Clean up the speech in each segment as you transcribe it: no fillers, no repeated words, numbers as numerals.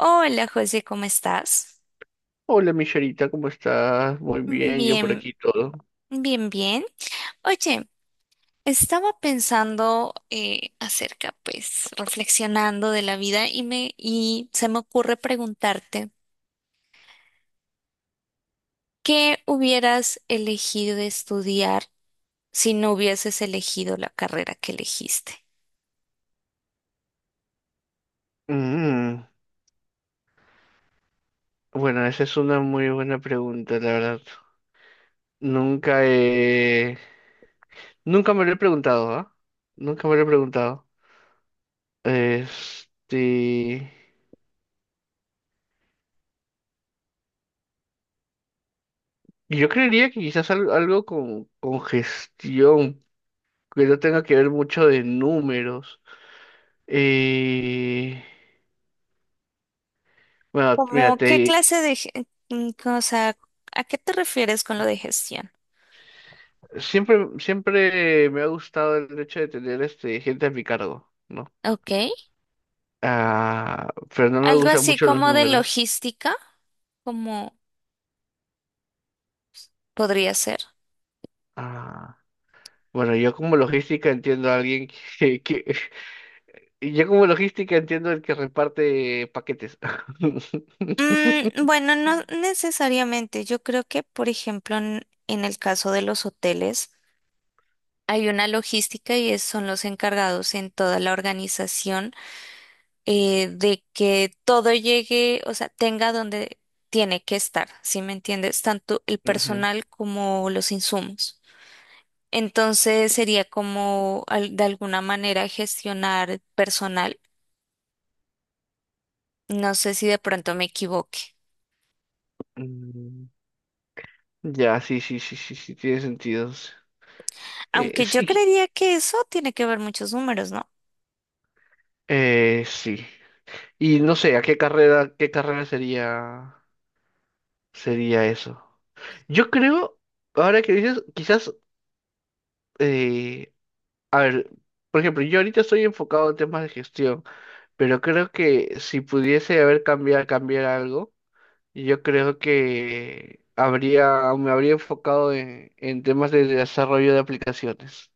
Hola José, ¿cómo estás? Hola, Michelita, ¿cómo estás? Muy bien, yo por Bien, aquí todo. bien, bien. Oye, estaba pensando acerca, pues, reflexionando de la vida y me y se me ocurre preguntarte, ¿qué hubieras elegido de estudiar si no hubieses elegido la carrera que elegiste? Mm, bueno, esa es una muy buena pregunta, la verdad. Nunca he... Nunca me lo he preguntado, ¿ah? Nunca me lo he preguntado. Este... Yo creería que quizás algo con gestión, que no tenga que ver mucho de números. Eh... Bueno, mira, Como, ¿qué clase de, o a qué te refieres con lo de gestión? siempre me ha gustado el hecho de tener este, gente a mi cargo, ¿no? Ok, Ah, pero no me algo gustan así mucho los como de números. logística, como podría ser. Ah, bueno, yo como logística entiendo a alguien que, que- yo como logística entiendo el que reparte paquetes. Mm, bueno, no necesariamente. Yo creo que, por ejemplo, en el caso de los hoteles, hay una logística y son los encargados en toda la organización de que todo llegue, o sea, tenga donde tiene que estar, ¿sí me entiendes? Tanto el Ujú. personal como los insumos. Entonces sería como de alguna manera gestionar personal. No sé si de pronto me equivoque. Mm, Ya, sí, sí, sí, sí, sí, tiene sentido. Aunque yo Sí, creería que eso tiene que ver muchos números, ¿no? Sí. Y no sé, ¿a qué carrera sería, sería eso? Yo creo, ahora que dices, quizás, eh, a ver, por ejemplo, yo ahorita estoy enfocado en temas de gestión. Pero creo que si pudiese haber cambiado, cambiar algo, yo creo que habría, me habría enfocado en temas de desarrollo de aplicaciones.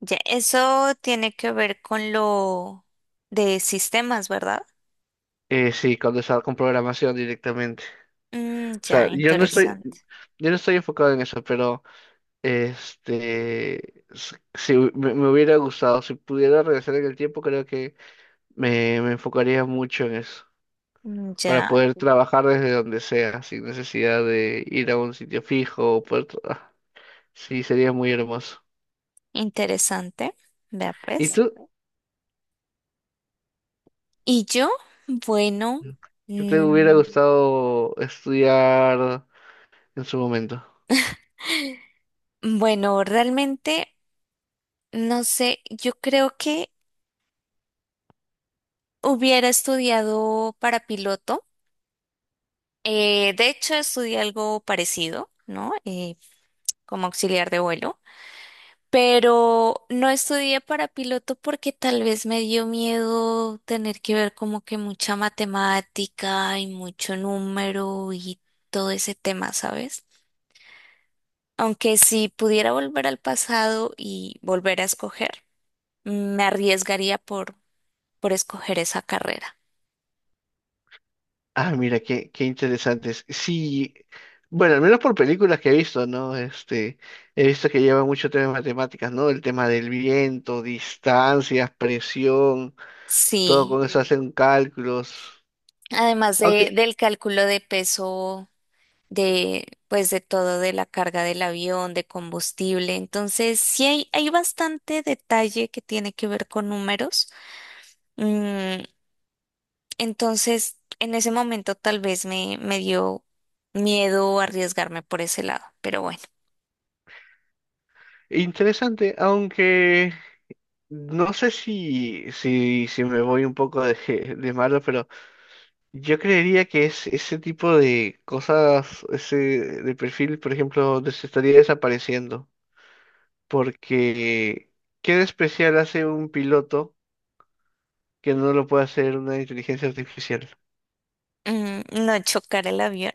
Ya, eso tiene que ver con lo de sistemas, ¿verdad? Sí, con, con programación directamente. Mm, O ya, sea, sí, yo no estoy, interesante. yo no estoy enfocado en eso, pero este, s- si hu- me hubiera gustado, si pudiera regresar en el tiempo, creo que me enfocaría mucho en eso, Mm, para ya, poder trabajar desde donde sea, sin necesidad de ir a un sitio fijo o poder Sí, sería muy hermoso. interesante. Vea ¿Y pues. tú? ¿Y yo? Bueno, ¿Qué te hubiera mm, gustado estudiar en su momento? bueno, realmente no sé, yo creo que hubiera estudiado para piloto. De hecho, estudié algo parecido, ¿no? Como auxiliar de vuelo. Pero no estudié para piloto porque tal vez me dio miedo tener que ver como que mucha matemática y mucho número y todo ese tema, ¿sabes? Aunque si pudiera volver al pasado y volver a escoger, me arriesgaría por escoger esa carrera. Ah, mira, qué interesantes. Sí, bueno, al menos por películas que he visto, ¿no? Este, he visto que lleva mucho tema de matemáticas, ¿no? El tema del viento, distancias, presión, todo Sí, con eso hacen cálculos. además Aunque, del cálculo de peso de pues de todo, de la carga del avión, de combustible. Entonces, hay bastante detalle que tiene que ver con números. Mm, entonces, en ese momento tal vez me dio miedo arriesgarme por ese lado, pero bueno, interesante, aunque no sé si me voy un poco de, de malo, pero yo creería que es ese tipo de cosas, ese de perfil, por ejemplo, estaría desapareciendo, porque ¿qué de especial hace un piloto que no lo puede hacer una inteligencia artificial? mm, no chocar el avión.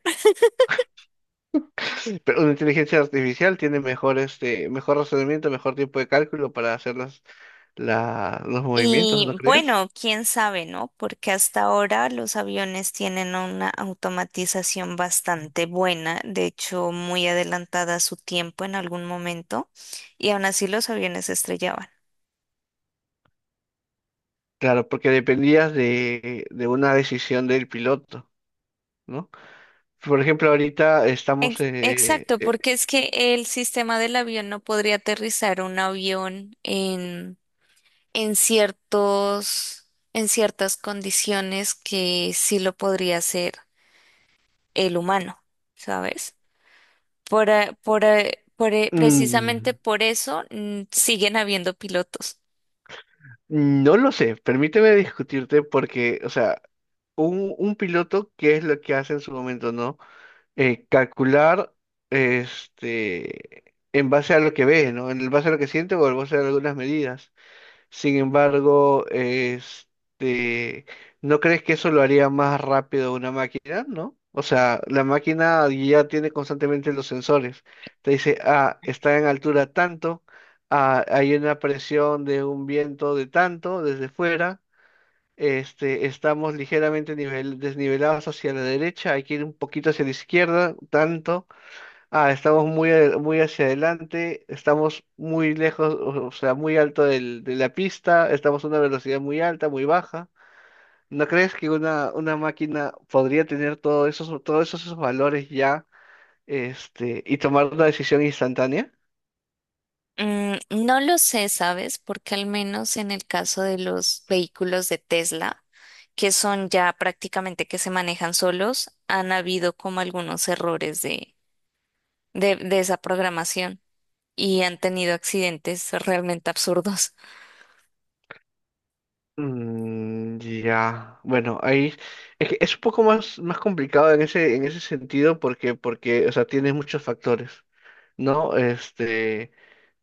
Pero una inteligencia artificial tiene mejor, este, mejor razonamiento, mejor tiempo de cálculo para hacer las, los movimientos, ¿no Y crees? bueno, quién sabe, ¿no? Porque hasta ahora los aviones tienen una automatización bastante buena, de hecho muy adelantada a su tiempo en algún momento, y aún así los aviones se estrellaban. Claro, porque dependías de una decisión del piloto, ¿no? Por ejemplo, ahorita estamos... eh, Exacto, porque es que el sistema del avión no podría aterrizar un avión en ciertos, en ciertas condiciones que sí lo podría hacer el humano, ¿sabes? Por, precisamente por eso mm, siguen habiendo pilotos. No lo sé, permíteme discutirte porque, o sea, un piloto, ¿qué es lo que hace en su momento, no? Calcular, este, en base a lo que ve, ¿no? En base a lo que siente o en base a algunas medidas. Sin embargo, este, ¿no crees que eso lo haría más rápido una máquina, no? O sea, la máquina ya tiene constantemente los sensores. Te dice, ah, está en altura tanto, ah, hay una presión de un viento de tanto desde fuera, este, estamos ligeramente nivel, desnivelados hacia la derecha, hay que ir un poquito hacia la izquierda, tanto. Ah, estamos muy, muy hacia adelante, estamos muy lejos, o sea, muy alto de la pista, estamos a una velocidad muy alta, muy baja. ¿No crees que una máquina podría tener todos esos, todos esos valores ya, este, y tomar una decisión instantánea? Mm, no lo sé, ¿sabes? Porque al menos en el caso de los vehículos de Tesla, que son ya prácticamente que se manejan solos, han habido como algunos errores de esa programación y han tenido accidentes realmente absurdos. Ya, bueno, ahí es que es un poco más, más complicado en ese sentido porque, o sea, tienes muchos factores, ¿no? Este,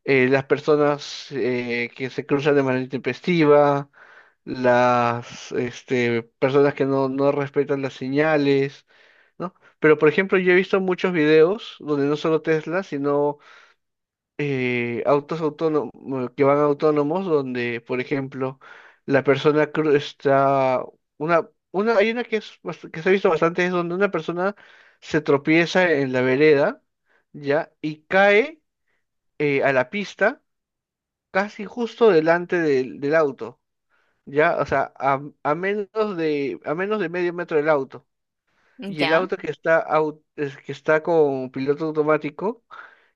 las personas que se cruzan de manera intempestiva, las este, personas que no, no respetan las señales, ¿no? Pero, por ejemplo, yo he visto muchos videos donde no solo Tesla, sino autos autónomos bueno, que van autónomos, donde, por ejemplo, la persona está una, hay una que es que se ha visto bastante, es donde una persona se tropieza en la vereda, ¿ya? Y cae a la pista casi justo delante del, del auto, ¿ya? O sea, a menos de medio metro del auto. Y el Ya, auto que está, es que está con piloto automático,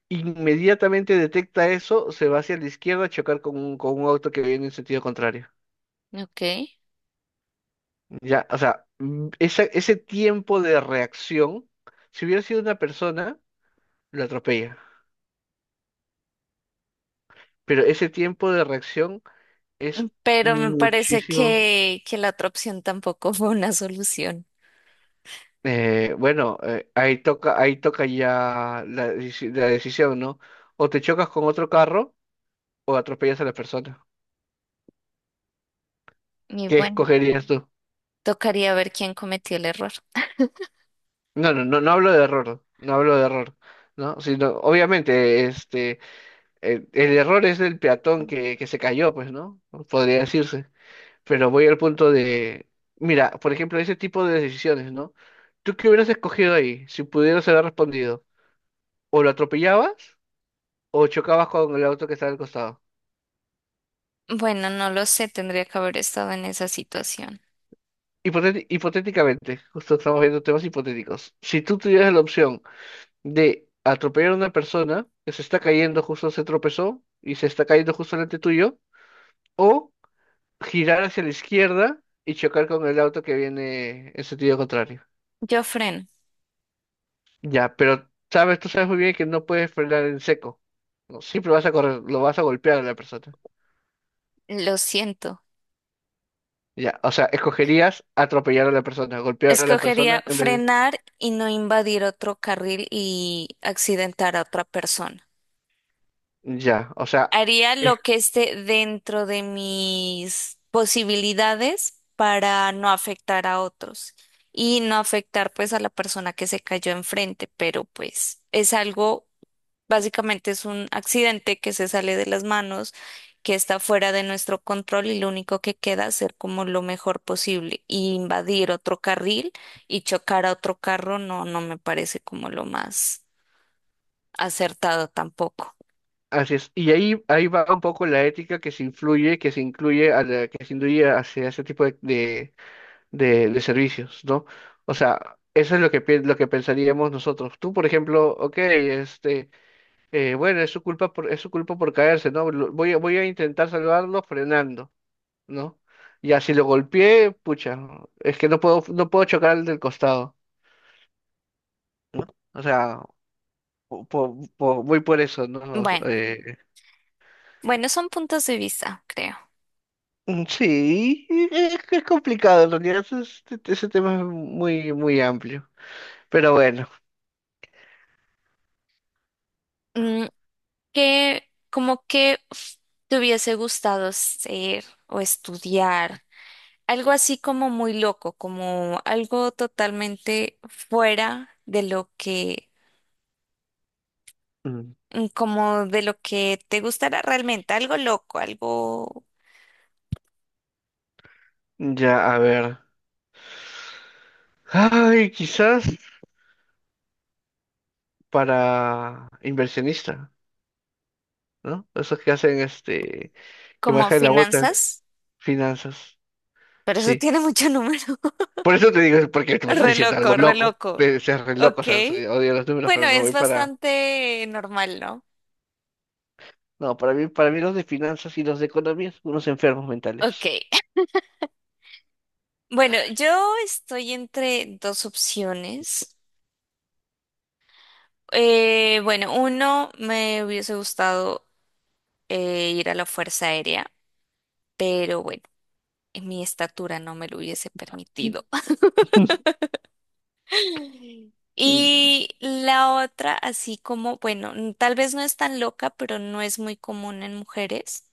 inmediatamente detecta eso, se va hacia la izquierda a chocar con un auto que viene en sentido contrario. ok. Ya, o sea, ese tiempo de reacción, si hubiera sido una persona, lo atropella. Pero ese tiempo de reacción es Pero me parece muchísimo. Que la otra opción tampoco fue una solución. Bueno, ahí toca ya la, la decisión, ¿no? O te chocas con otro carro o atropellas a la persona. Y ¿Qué bueno. escogerías tú? Tocaría ver quién cometió el error. No, no hablo de error, no hablo de error, ¿no? Sino, obviamente, este, el error es del peatón que se cayó, pues, ¿no? Podría decirse. Pero voy al punto de, mira, por ejemplo, ese tipo de decisiones, ¿no? ¿Tú qué hubieras escogido ahí si pudieras haber respondido? ¿O lo atropellabas o chocabas con el auto que estaba al costado? Bueno, no lo sé, tendría que haber estado en esa situación. Hipotéticamente, justo estamos viendo temas hipotéticos. Si tú tuvieras la opción de atropellar a una persona que se está cayendo, justo se tropezó y se está cayendo justo delante tuyo, o girar hacia la izquierda y chocar con el auto que viene en sentido contrario. Yo freno, Ya, pero sabes, tú sabes muy bien que no puedes frenar en seco. No, siempre vas a correr, lo vas a golpear a la persona. lo siento. Ya, o sea, escogerías atropellar a la persona, golpear a la Escogería persona en vez de... frenar y no invadir otro carril y accidentar a otra persona. Ya, o sea... Haría lo que esté dentro de mis posibilidades para no afectar a otros y no afectar pues a la persona que se cayó enfrente, pero pues es algo. Básicamente es un accidente que se sale de las manos, que está fuera de nuestro control y lo único que queda es ser como lo mejor posible. Y invadir otro carril y chocar a otro carro no, no me parece como lo más acertado tampoco. Así es. Y ahí va un poco la ética que se influye, que se incluye a la, que se induye hacia ese tipo de, de servicios, ¿no? O sea, eso es lo que, lo que pensaríamos nosotros. Tú, por ejemplo, ok, este, bueno, es su culpa por, es su culpa por caerse, ¿no? Voy a, voy a intentar salvarlo frenando, ¿no? Ya si lo golpeé, pucha, ¿no? Es que no puedo, no puedo chocar al del costado. O sea, voy por eso, ¿no? Bueno, bueno, son puntos de vista, creo. Sí, es, que es complicado, en realidad ese, ese tema es muy, muy amplio. Pero bueno, Mm, ¿qué, como que uf, te hubiese gustado ser o estudiar? Algo así como muy loco, como algo totalmente fuera de lo que, mm, mm, como de lo que te gustará realmente, algo loco, algo ya, a ver. Ay, quizás para inversionista, ¿no? Esos que hacen este, que como manejan la bolsa, finanzas, finanzas. pero eso Sí. tiene mucho número. Por eso te digo, es porque me estás Re diciendo algo loco, re loco. loco. Debe ser re loco, o Ok. sea, sí, odio los números, Bueno, pero me es voy para. bastante normal, ¿no? No, para mí los de finanzas y los de economía son unos enfermos Ok. mentales. Bueno, yo estoy entre dos opciones. Bueno, uno me hubiese gustado ir a la Fuerza Aérea, pero bueno, mi estatura no me lo hubiese permitido. Y la otra, así como, bueno, tal vez no es tan loca, pero no es muy común en mujeres.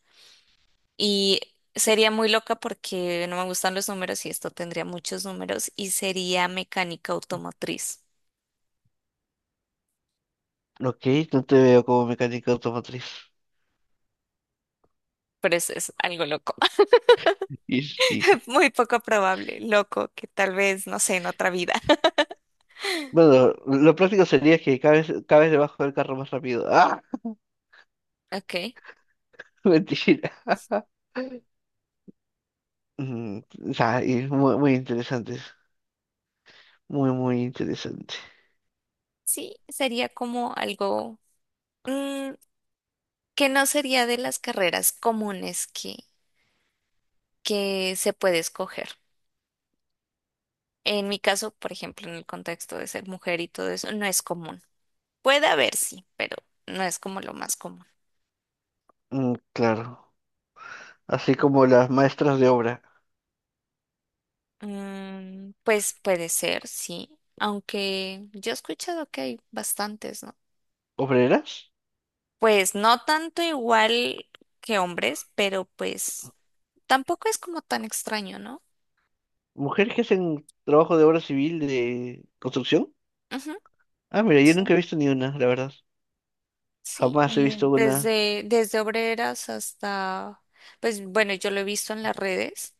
Y sería muy loca porque no me gustan los números y esto tendría muchos números y sería mecánica automotriz. Ok, no te veo como mecánico automotriz. Pero eso es algo loco, Y, y- muy poco probable, loco, que tal vez, no sé, en otra vida. Bueno, lo práctico sería que cabes, cabes debajo del carro más rápido. ¡Ah! Ok. Mentira. Mm, o sea, y muy, muy interesantes. Muy, muy interesante. Sí, sería como algo mm, que no sería de las carreras comunes que se puede escoger. En mi caso, por ejemplo, en el contexto de ser mujer y todo eso, no es común. Puede haber, sí, pero no es como lo más común. Claro. Así como las maestras de obra. Mm, pues puede ser, sí, aunque yo he escuchado que hay bastantes, ¿no? ¿Obreras? Pues no tanto igual que hombres, pero pues tampoco es como tan extraño, ¿no? ¿Mujeres que hacen trabajo de obra civil de construcción? Ujú. Ah, mira, yo Sí. nunca he visto ni una, la verdad. Sí, Jamás he y visto una. Desde obreras hasta, pues bueno, yo lo he visto en las redes.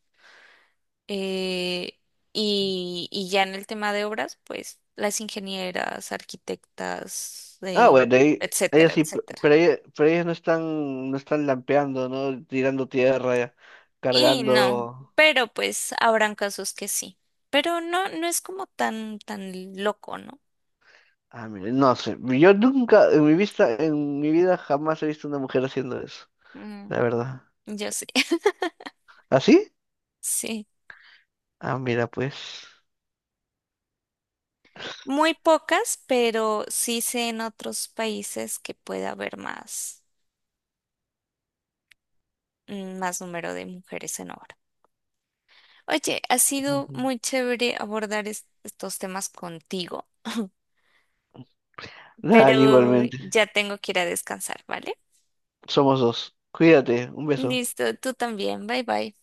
Eh, y ya en el tema de obras, pues las ingenieras, arquitectas, Ah, bueno, etcétera, ellas sí, etcétera. Pero ellas no están, no están lampeando, ¿no? Tirando tierra, Y no, cargando. pero pues habrán casos que sí. Pero no, no es como tan, tan loco, ¿no? Ah, mira, no sé. Yo nunca, en mi vista, en mi vida jamás he visto una mujer haciendo eso, Mm, la verdad. yo sí, ¿Así? sí. Ah, mira, pues. Muy pocas, pero sí sé en otros países que puede haber más, mm, más número de mujeres en obra. Oye, ha sido Ujú. muy chévere abordar estos temas contigo, Dale, pero igualmente. ya tengo que ir a descansar, ¿vale? Somos dos. Cuídate, un beso. Listo, tú también, bye bye.